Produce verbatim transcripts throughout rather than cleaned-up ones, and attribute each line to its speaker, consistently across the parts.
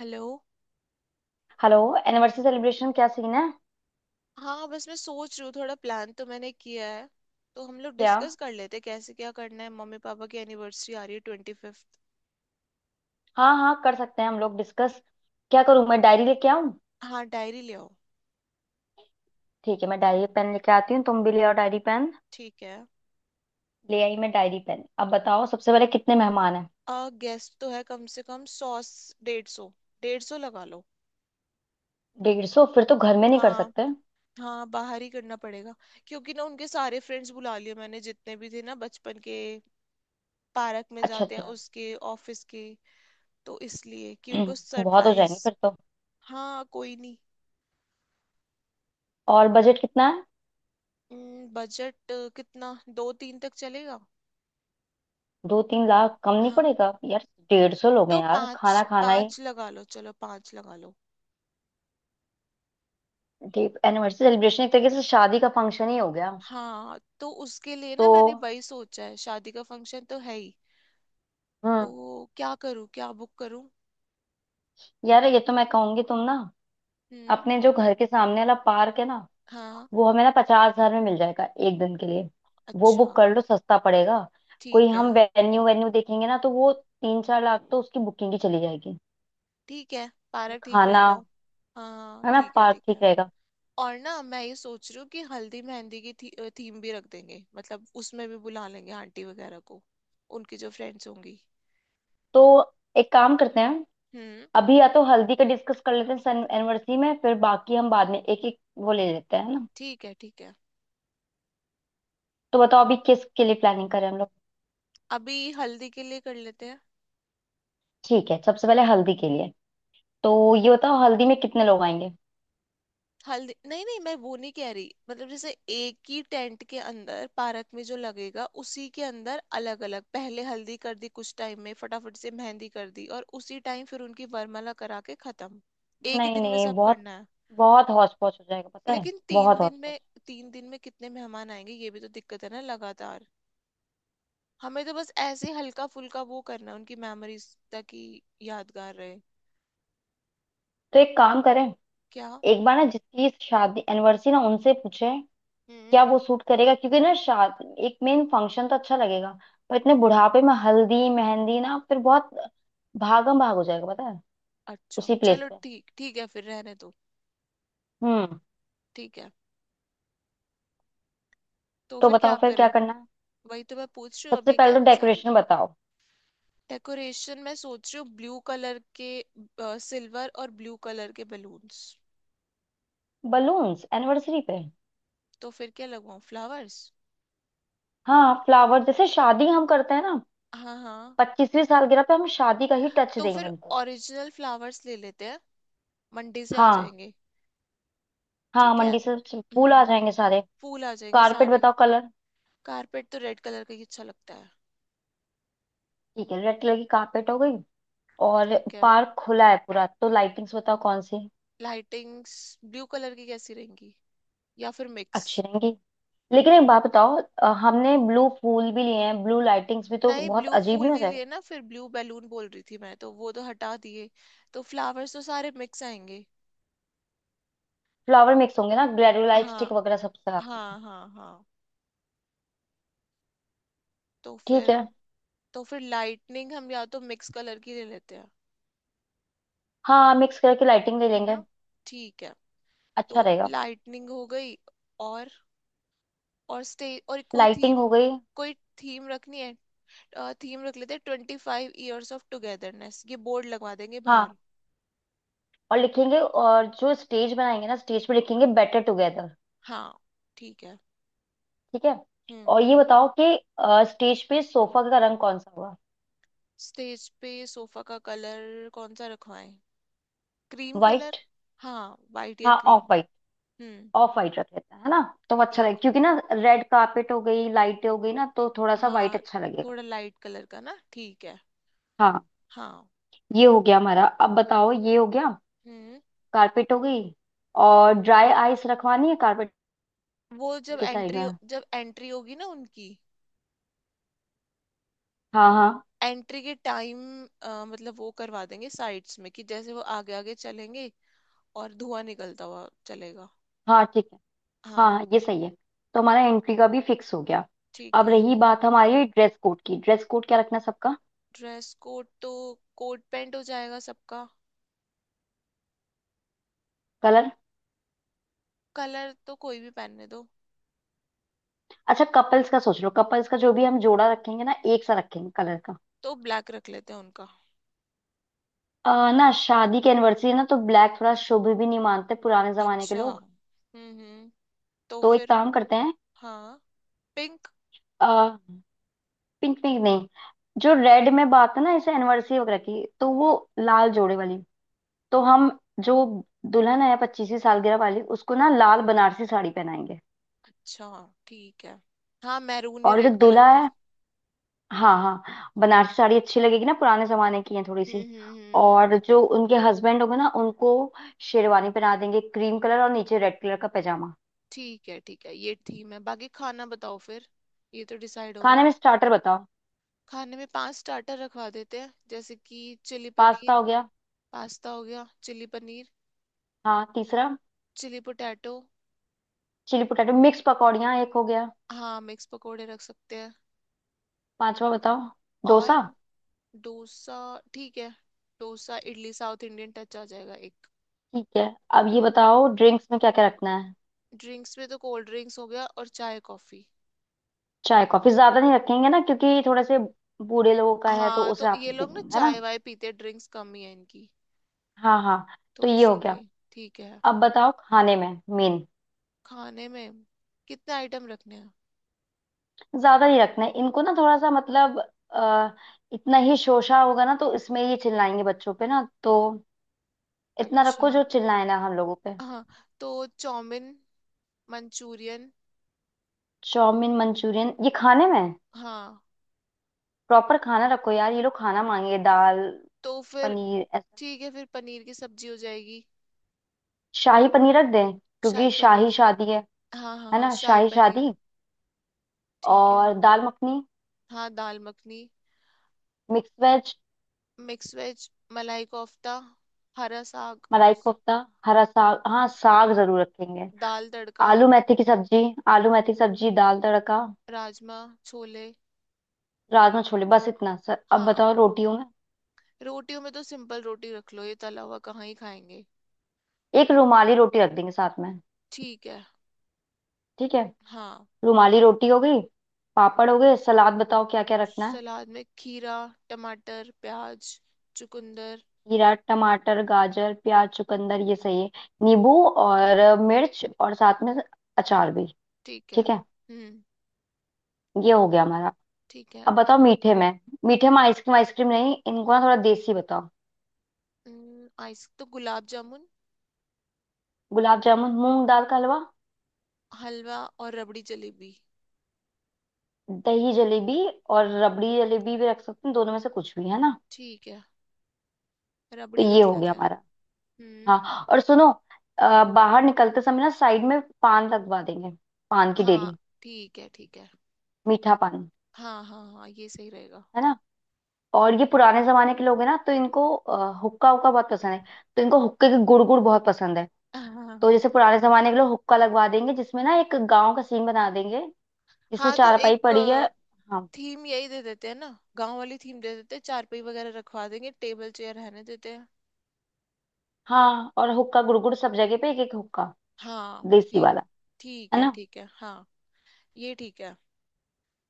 Speaker 1: Hello.
Speaker 2: Hello. Anniversary celebration क्या scene है?
Speaker 1: हाँ, बस मैं सोच रही हूँ थोड़ा प्लान तो मैंने किया है। तो हम लोग
Speaker 2: क्या?
Speaker 1: डिस्कस कर लेते हैं कैसे क्या करना है। मम्मी पापा की एनिवर्सरी आ रही है ट्वेंटी फिफ्थ।
Speaker 2: हाँ हाँ, कर सकते हैं हम लोग डिस्कस। क्या करूँ, मैं डायरी लेके आऊँ?
Speaker 1: हाँ, डायरी ले आओ।
Speaker 2: ठीक है, मैं डायरी पेन लेके आती हूँ। तुम भी ले आओ डायरी पेन।
Speaker 1: ठीक है।
Speaker 2: ले आई मैं डायरी पेन। अब बताओ, सबसे पहले कितने मेहमान हैं?
Speaker 1: आ गेस्ट तो है कम से कम सौ। डेढ़ सौ। डेढ़ सौ लगा लो।
Speaker 2: डेढ़ सौ? फिर तो घर में नहीं कर
Speaker 1: हाँ।
Speaker 2: सकते।
Speaker 1: हाँ, बाहर ही करना पड़ेगा। क्योंकि ना उनके सारे फ्रेंड्स बुला लिए मैंने जितने भी थे ना बचपन के। पार्क में
Speaker 2: अच्छा
Speaker 1: जाते हैं
Speaker 2: अच्छा।
Speaker 1: उसके ऑफिस के। तो इसलिए कि उनको
Speaker 2: बहुत हो जाएंगे
Speaker 1: सरप्राइज।
Speaker 2: फिर तो।
Speaker 1: हाँ, कोई नहीं।
Speaker 2: और बजट कितना है?
Speaker 1: बजट कितना? दो तीन तक चलेगा।
Speaker 2: दो तीन लाख कम नहीं
Speaker 1: हाँ।
Speaker 2: पड़ेगा यार। डेढ़ सौ लोग
Speaker 1: तो
Speaker 2: हैं यार,
Speaker 1: पाँच
Speaker 2: खाना खाना ही।
Speaker 1: पाँच लगा लो, चलो पाँच लगा लो।
Speaker 2: एनिवर्सरी सेलिब्रेशन एक तरीके से शादी का फंक्शन ही हो गया।
Speaker 1: हाँ, तो उसके लिए ना
Speaker 2: तो
Speaker 1: मैंने वही सोचा है। शादी का फंक्शन तो है ही। तो
Speaker 2: हम्म
Speaker 1: क्या करूँ, क्या बुक करूँ?
Speaker 2: यार, ये तो मैं कहूंगी तुम ना।
Speaker 1: हम्म।
Speaker 2: अपने जो घर के सामने वाला पार्क है ना?
Speaker 1: हाँ।
Speaker 2: वो हमें ना पचास हजार में मिल जाएगा एक दिन के लिए। वो बुक
Speaker 1: अच्छा।
Speaker 2: कर लो, सस्ता पड़ेगा। कोई,
Speaker 1: ठीक
Speaker 2: हम
Speaker 1: है।
Speaker 2: वेन्यू वेन्यू देखेंगे ना तो वो तीन चार लाख तो उसकी बुकिंग की चली जाएगी।
Speaker 1: ठीक है,
Speaker 2: फिर
Speaker 1: पार्क ठीक
Speaker 2: खाना।
Speaker 1: रहेगा। हाँ,
Speaker 2: है ना,
Speaker 1: ठीक है।
Speaker 2: पार्क
Speaker 1: ठीक
Speaker 2: ठीक
Speaker 1: है।
Speaker 2: रहेगा।
Speaker 1: और ना मैं ये सोच रही हूँ कि हल्दी मेहंदी की थी, थीम भी रख देंगे, मतलब उसमें भी बुला लेंगे आंटी वगैरह को। उनकी जो फ्रेंड्स होंगी।
Speaker 2: तो एक काम करते हैं।
Speaker 1: हम्म।
Speaker 2: अभी या तो हल्दी का डिस्कस कर लेते हैं, सन एनिवर्सरी में, फिर बाकी हम बाद में एक एक वो ले लेते हैं ना।
Speaker 1: ठीक है। ठीक है।
Speaker 2: तो बताओ, अभी किस के लिए प्लानिंग करें हम लोग?
Speaker 1: अभी हल्दी के लिए कर लेते हैं।
Speaker 2: ठीक है, सबसे पहले हल्दी के लिए। तो ये बताओ, हल्दी में कितने लोग आएंगे?
Speaker 1: हल्दी नहीं नहीं, मैं वो नहीं कह रही। मतलब जैसे एक ही टेंट के अंदर पार्क में जो लगेगा उसी के अंदर अलग अलग पहले हल्दी कर दी, कुछ टाइम में फटाफट से मेहंदी कर दी, और उसी टाइम फिर उनकी वरमाला करा के खत्म। एक ही
Speaker 2: नहीं
Speaker 1: दिन में
Speaker 2: नहीं,
Speaker 1: सब
Speaker 2: बहुत
Speaker 1: करना है।
Speaker 2: बहुत हौच पौच हो जाएगा, पता है,
Speaker 1: लेकिन तीन
Speaker 2: बहुत हौच
Speaker 1: दिन
Speaker 2: पौच।
Speaker 1: में, तीन दिन में कितने मेहमान आएंगे, ये भी तो दिक्कत है ना, लगातार। हमें तो बस ऐसे हल्का फुल्का वो करना है उनकी मेमोरीज, ताकि यादगार रहे।
Speaker 2: तो एक काम करें।
Speaker 1: क्या?
Speaker 2: एक बार ना, जिसकी शादी एनिवर्सरी ना, उनसे पूछे।
Speaker 1: हम्म।
Speaker 2: क्या वो सूट करेगा? क्योंकि ना, शादी एक मेन फंक्शन तो अच्छा लगेगा। पर इतने बुढ़ापे में हल्दी मेहंदी ना, फिर बहुत भागम भाग हो जाएगा, पता है।
Speaker 1: अच्छा
Speaker 2: उसी प्लेस
Speaker 1: चलो,
Speaker 2: पे।
Speaker 1: ठीक ठीक है, फिर रहने दो।
Speaker 2: हम्म।
Speaker 1: ठीक है। तो
Speaker 2: तो
Speaker 1: फिर क्या
Speaker 2: बताओ फिर क्या
Speaker 1: करें?
Speaker 2: करना है?
Speaker 1: वही तो मैं पूछ रही हूँ, अब
Speaker 2: सबसे
Speaker 1: ये
Speaker 2: पहले तो
Speaker 1: कैंसिल।
Speaker 2: डेकोरेशन बताओ।
Speaker 1: डेकोरेशन मैं सोच रही हूँ ब्लू कलर के, सिल्वर और ब्लू कलर के बलून्स।
Speaker 2: बलून्स एनिवर्सरी पे?
Speaker 1: तो फिर क्या लगवाऊं, फ्लावर्स?
Speaker 2: हाँ, फ्लावर जैसे शादी हम करते हैं ना।
Speaker 1: हाँ, हाँ।
Speaker 2: पच्चीसवीं सालगिरह पे हम शादी का ही टच
Speaker 1: तो
Speaker 2: देंगे
Speaker 1: फिर
Speaker 2: उनको।
Speaker 1: ओरिजिनल फ्लावर्स ले लेते हैं, मंडी से आ
Speaker 2: हाँ
Speaker 1: जाएंगे।
Speaker 2: हाँ,
Speaker 1: ठीक है।
Speaker 2: मंडी से सब फूल
Speaker 1: हम्म।
Speaker 2: आ जाएंगे सारे।
Speaker 1: फूल आ जाएंगे
Speaker 2: कारपेट
Speaker 1: सारे।
Speaker 2: बताओ कलर।
Speaker 1: कारपेट तो रेड कलर का ही अच्छा लगता है।
Speaker 2: ठीक है, रेड कलर की कारपेट हो गई। और?
Speaker 1: ठीक है।
Speaker 2: पार्क खुला है पूरा, तो लाइटिंग्स बताओ कौन सी।
Speaker 1: लाइटिंग्स ब्लू कलर की कैसी रहेंगी, या फिर मिक्स?
Speaker 2: अच्छी रहेंगी। लेकिन एक बात बताओ, अ, हमने ब्लू फूल भी लिए हैं, ब्लू लाइटिंग्स भी, तो
Speaker 1: नहीं,
Speaker 2: बहुत
Speaker 1: ब्लू
Speaker 2: अजीब
Speaker 1: फूल
Speaker 2: नहीं हो
Speaker 1: नहीं
Speaker 2: जाएगा?
Speaker 1: लिए ना, फिर ब्लू बैलून बोल रही थी मैं, तो वो तो हटा दिए। तो फ्लावर्स तो सारे मिक्स आएंगे।
Speaker 2: फ्लावर मिक्स होंगे ना, ग्रेनुलाइट
Speaker 1: हाँ।
Speaker 2: स्टिक वगैरह सब साथ में।
Speaker 1: हाँ, हाँ, हाँ। तो
Speaker 2: ठीक
Speaker 1: फिर।
Speaker 2: है।
Speaker 1: तो फिर लाइटनिंग हम या तो मिक्स कलर की ले लेते हैं,
Speaker 2: हाँ, मिक्स करके लाइटिंग ले
Speaker 1: है ना?
Speaker 2: लेंगे।
Speaker 1: ठीक है।
Speaker 2: अच्छा
Speaker 1: तो
Speaker 2: रहेगा।
Speaker 1: लाइटनिंग हो गई। और और स्टे और कोई
Speaker 2: लाइटिंग
Speaker 1: थीम
Speaker 2: हो गई।
Speaker 1: कोई थीम रखनी है। थीम रख लेते हैं, twenty five years of togetherness, ये बोर्ड लगवा देंगे बाहर।
Speaker 2: हाँ, और लिखेंगे, और जो स्टेज बनाएंगे ना, स्टेज पे लिखेंगे बेटर टुगेदर।
Speaker 1: हाँ। ठीक है।
Speaker 2: ठीक है।
Speaker 1: हम्म।
Speaker 2: और ये बताओ कि स्टेज पे सोफा का रंग कौन सा हुआ?
Speaker 1: स्टेज पे सोफा का कलर कौन सा रखवाएं? Cream
Speaker 2: white.
Speaker 1: कलर। हाँ, वाइट या
Speaker 2: हाँ, ऑफ
Speaker 1: क्रीम।
Speaker 2: व्हाइट।
Speaker 1: हम्म।
Speaker 2: ऑफ व्हाइट रख लेते हैं, है ना। तो वो अच्छा लगेगा,
Speaker 1: ठीक।
Speaker 2: क्योंकि ना रेड कार्पेट हो गई, लाइटें हो गई ना, तो थोड़ा सा व्हाइट
Speaker 1: हाँ,
Speaker 2: अच्छा लगेगा।
Speaker 1: थोड़ा लाइट कलर का ना, ठीक है।
Speaker 2: हाँ।
Speaker 1: हाँ।
Speaker 2: ये हो गया हमारा। अब बताओ, ये हो गया।
Speaker 1: हम्म।
Speaker 2: कार्पेट हो गई। और ड्राई आइस रखवानी है कार्पेट
Speaker 1: वो जब
Speaker 2: के साइड में।
Speaker 1: एंट्री, जब एंट्री होगी ना उनकी,
Speaker 2: हाँ हाँ
Speaker 1: एंट्री के टाइम, मतलब वो करवा देंगे साइड्स में कि जैसे वो आगे आगे चलेंगे और धुआं निकलता हुआ चलेगा।
Speaker 2: हाँ, ठीक है। हाँ
Speaker 1: हाँ।
Speaker 2: हाँ, ये सही है। तो हमारा एंट्री का भी फिक्स हो गया।
Speaker 1: ठीक
Speaker 2: अब
Speaker 1: है।
Speaker 2: रही बात हमारी ड्रेस कोड की, ड्रेस कोड क्या रखना है सबका?
Speaker 1: ड्रेस कोड तो कोट पैंट हो जाएगा सबका।
Speaker 2: कलर।
Speaker 1: कलर तो कोई भी पहनने दो।
Speaker 2: अच्छा, कपल्स का सोच लो। कपल्स का जो भी हम जोड़ा रखेंगे ना, एक सा रखेंगे कलर का।
Speaker 1: तो ब्लैक रख लेते हैं उनका।
Speaker 2: अ, ना, शादी की एनिवर्सरी है ना, तो ब्लैक थोड़ा शुभ भी नहीं मानते पुराने जमाने के
Speaker 1: अच्छा।
Speaker 2: लोग।
Speaker 1: हम्म, हम्म। तो
Speaker 2: तो एक
Speaker 1: फिर।
Speaker 2: काम करते हैं।
Speaker 1: हाँ। पिंक।
Speaker 2: पिंक। पिंक नहीं। जो रेड में बात है ना, इसे एनिवर्सरी वगैरह की, तो वो। लाल जोड़े वाली। तो हम जो दुल्हन है पच्चीसवीं सालगिरह वाली, उसको ना लाल बनारसी साड़ी पहनाएंगे।
Speaker 1: अच्छा। ठीक है। हाँ, मैरून या
Speaker 2: और जो
Speaker 1: रेड कलर
Speaker 2: दूल्हा
Speaker 1: की।
Speaker 2: है। हाँ हाँ, बनारसी साड़ी अच्छी लगेगी ना, पुराने जमाने की है थोड़ी
Speaker 1: हम्म,
Speaker 2: सी।
Speaker 1: हम्म, हम्म।
Speaker 2: और जो उनके हस्बैंड होंगे ना, उनको शेरवानी पहना देंगे क्रीम कलर, और नीचे रेड कलर का पैजामा।
Speaker 1: ठीक है, ठीक है, ये थीम है। बाकी खाना बताओ फिर, ये तो डिसाइड हो
Speaker 2: खाने
Speaker 1: गया।
Speaker 2: में स्टार्टर बताओ।
Speaker 1: खाने में पांच स्टार्टर रखवा देते हैं, जैसे कि चिली
Speaker 2: पास्ता
Speaker 1: पनीर।
Speaker 2: हो गया।
Speaker 1: पास्ता हो गया, चिली पनीर।
Speaker 2: हाँ, तीसरा।
Speaker 1: Chilli potato.
Speaker 2: Chilli potato, mix पकौड़ियाँ एक हो गया।
Speaker 1: हाँ, मिक्स पकोड़े रख सकते हैं।
Speaker 2: पांचवा बताओ।
Speaker 1: और।
Speaker 2: डोसा।
Speaker 1: डोसा। ठीक है। Dosa, idli, south Indian touch आ जाएगा एक।
Speaker 2: ठीक है। अब ये
Speaker 1: हम्म।
Speaker 2: बताओ, ड्रिंक्स में क्या क्या रखना है?
Speaker 1: ड्रिंक्स में तो कोल्ड ड्रिंक्स हो गया और चाय कॉफी।
Speaker 2: चाय कॉफी ज्यादा नहीं रखेंगे ना, क्योंकि थोड़े से बूढ़े लोगों का है, तो
Speaker 1: हाँ,
Speaker 2: उस
Speaker 1: तो
Speaker 2: हिसाब से
Speaker 1: ये लोग
Speaker 2: चीजें
Speaker 1: ना
Speaker 2: है ना।
Speaker 1: चाय वाय पीते, ड्रिंक्स कम ही है इनकी।
Speaker 2: हाँ हाँ। तो
Speaker 1: तो
Speaker 2: ये हो गया।
Speaker 1: इसीलिए ठीक है।
Speaker 2: अब बताओ खाने में मेन।
Speaker 1: खाने में कितने आइटम रखने हैं?
Speaker 2: ज्यादा नहीं रखना है इनको ना, थोड़ा सा मतलब। आ, इतना ही शोशा होगा ना, तो इसमें ये चिल्लाएंगे बच्चों पे ना, तो। इतना रखो
Speaker 1: अच्छा।
Speaker 2: जो चिल्लाए ना हम लोगों पे।
Speaker 1: हाँ। तो चाउमीन, मंचूरियन।
Speaker 2: चाउमीन मंचूरियन ये खाने में?
Speaker 1: हाँ।
Speaker 2: प्रॉपर खाना रखो यार, ये लोग खाना मांगे दाल।
Speaker 1: तो फिर
Speaker 2: पनीर ऐसा।
Speaker 1: ठीक है, फिर पनीर की सब्जी हो जाएगी।
Speaker 2: शाही पनीर रख दें,
Speaker 1: शाही
Speaker 2: क्योंकि शाही
Speaker 1: पनीर।
Speaker 2: शादी है।
Speaker 1: हाँ, हाँ,
Speaker 2: है
Speaker 1: हाँ,
Speaker 2: ना,
Speaker 1: शाही
Speaker 2: शाही
Speaker 1: पनीर।
Speaker 2: शादी।
Speaker 1: ठीक है।
Speaker 2: और दाल मखनी,
Speaker 1: हाँ, dal makhani.
Speaker 2: Mix veg,
Speaker 1: mix veg, malai kofta, हरा साग,
Speaker 2: मलाई कोफ्ता, हरा साग। हाँ, साग जरूर रखेंगे।
Speaker 1: दाल तड़का,
Speaker 2: आलू मेथी की सब्जी। आलू मेथी की सब्जी, दाल तड़का।
Speaker 1: राजमा, छोले।
Speaker 2: राजमा, छोले, बस इतना सर। अब
Speaker 1: हाँ,
Speaker 2: बताओ रोटियों में।
Speaker 1: रोटियों में तो सिंपल रोटी रख लो, ये तला हुआ कहाँ ही खाएंगे।
Speaker 2: एक रुमाली रोटी रख देंगे साथ में।
Speaker 1: ठीक है।
Speaker 2: ठीक है।
Speaker 1: हाँ।
Speaker 2: रुमाली रोटी हो गई। पापड़ हो गए। सलाद बताओ क्या क्या रखना है?
Speaker 1: सलाद में खीरा, टमाटर, प्याज, चुकंदर।
Speaker 2: खीरा, टमाटर, गाजर, प्याज, चुकंदर, ये सही है। नींबू और मिर्च, और साथ में अचार भी।
Speaker 1: ठीक है।
Speaker 2: ठीक है।
Speaker 1: हम्म।
Speaker 2: ये हो गया हमारा।
Speaker 1: ठीक है।
Speaker 2: अब बताओ मीठे में। मीठे में आइसक्रीम? आइसक्रीम नहीं इनको ना, थोड़ा देसी बताओ।
Speaker 1: हम्म, आइस तो गुलाब जामुन।
Speaker 2: गुलाब जामुन, मूंग दाल का हलवा।
Speaker 1: हलवा और रबड़ी जलेबी।
Speaker 2: दही जलेबी, और रबड़ी जलेबी भी रख सकते हैं, दोनों में से कुछ भी, है ना।
Speaker 1: ठीक है,
Speaker 2: तो
Speaker 1: रबड़ी
Speaker 2: ये
Speaker 1: रख
Speaker 2: हो गया
Speaker 1: लेते हैं।
Speaker 2: हमारा।
Speaker 1: हम्म।
Speaker 2: हाँ, और सुनो। अ, बाहर निकलते समय ना, साइड में पान लगवा देंगे। पान की
Speaker 1: हाँ,
Speaker 2: डेली।
Speaker 1: ठीक है, ठीक है।
Speaker 2: मीठा पान।
Speaker 1: हाँ, हाँ, हाँ, ये सही रहेगा।
Speaker 2: है ना। और ये पुराने जमाने के लोग हैं ना, तो इनको अ, हुक्का हुक्का बहुत पसंद है। तो इनको हुक्के की गुड़ गुड़ बहुत पसंद है। तो
Speaker 1: हाँ।
Speaker 2: जैसे पुराने जमाने के लोग, हुक्का लगवा देंगे, जिसमें ना एक गांव का सीन बना देंगे। जिसमें
Speaker 1: हाँ, तो
Speaker 2: चारपाई
Speaker 1: एक
Speaker 2: पड़ी है। हाँ
Speaker 1: थीम यही दे देते हैं ना, गांव वाली थीम दे देते हैं, चारपाई वगैरह रखवा देंगे, टेबल चेयर रहने देते हैं।
Speaker 2: हाँ। और हुक्का गुड़ गुड़ सब जगह पे, एक एक हुक्का
Speaker 1: हाँ,
Speaker 2: देसी
Speaker 1: ठीक।
Speaker 2: वाला।
Speaker 1: ठीक
Speaker 2: है
Speaker 1: है।
Speaker 2: ना।
Speaker 1: ठीक है। हाँ, ये ठीक है।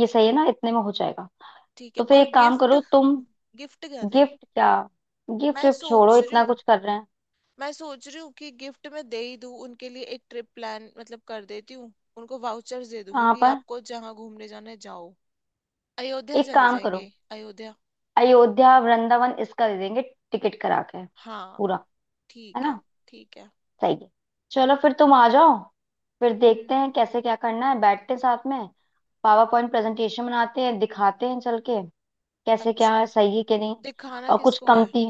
Speaker 2: ये सही है ना, इतने में हो जाएगा।
Speaker 1: ठीक है,
Speaker 2: तो फिर
Speaker 1: और
Speaker 2: एक काम
Speaker 1: गिफ्ट?
Speaker 2: करो तुम।
Speaker 1: गिफ्ट क्या दे?
Speaker 2: गिफ्ट क्या? गिफ्ट
Speaker 1: मैं
Speaker 2: विफ्ट छोड़ो,
Speaker 1: सोच रही
Speaker 2: इतना
Speaker 1: हूँ,
Speaker 2: कुछ कर रहे हैं।
Speaker 1: मैं सोच रही हूँ कि गिफ्ट में दे ही दूँ, उनके लिए एक ट्रिप प्लान मतलब कर देती हूँ। उनको वाउचर्स दे दूंगी
Speaker 2: कहाँ
Speaker 1: कि
Speaker 2: पर?
Speaker 1: आपको जहाँ घूमने जाना है जाओ। अयोध्या
Speaker 2: एक
Speaker 1: चले
Speaker 2: काम करो।
Speaker 1: जाएंगे। अयोध्या।
Speaker 2: अयोध्या, वृंदावन इसका दे देंगे, टिकट करा के
Speaker 1: हाँ।
Speaker 2: पूरा। है
Speaker 1: ठीक है।
Speaker 2: ना।
Speaker 1: ठीक है।
Speaker 2: सही है। चलो फिर, तुम आ जाओ। फिर
Speaker 1: हम्म।
Speaker 2: देखते हैं कैसे क्या करना है, बैठते हैं साथ में। पावर पॉइंट प्रेजेंटेशन बनाते हैं, दिखाते हैं चल के। कैसे क्या है,
Speaker 1: अच्छा,
Speaker 2: सही है कि नहीं?
Speaker 1: दिखाना
Speaker 2: और कुछ
Speaker 1: किसको है?
Speaker 2: कमती?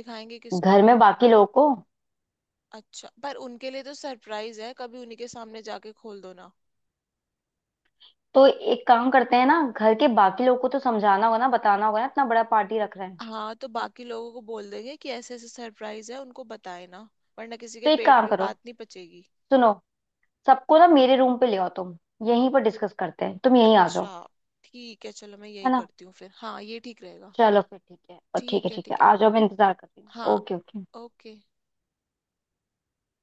Speaker 1: दिखाएंगे
Speaker 2: घर
Speaker 1: किसको?
Speaker 2: में बाकी लोगों को।
Speaker 1: अच्छा, पर उनके लिए तो सरप्राइज है, कभी उन्हीं के सामने जाके खोल दो ना।
Speaker 2: तो एक काम करते हैं ना, घर के बाकी लोगों को तो समझाना होगा ना, बताना होगा ना, इतना बड़ा पार्टी रख रहे हैं।
Speaker 1: हाँ, तो बाकी लोगों को बोल देंगे कि ऐसे ऐसे सरप्राइज है, उनको बताए ना, वरना किसी के
Speaker 2: तो एक
Speaker 1: पेट
Speaker 2: काम
Speaker 1: में
Speaker 2: करो।
Speaker 1: बात नहीं पचेगी।
Speaker 2: सुनो। सबको ना मेरे रूम पे ले आओ तुम। यहीं पर डिस्कस करते हैं, तुम यहीं आ जाओ।
Speaker 1: अच्छा। ठीक है, चलो मैं यही
Speaker 2: है ना।
Speaker 1: करती हूँ फिर। हाँ, ये ठीक रहेगा।
Speaker 2: चलो फिर ठीक है, और ठीक है,
Speaker 1: ठीक है,
Speaker 2: ठीक है,
Speaker 1: ठीक है।
Speaker 2: आ जाओ, मैं इंतजार कर रही हूँ।
Speaker 1: हाँ,
Speaker 2: ओके ओके।
Speaker 1: ओके।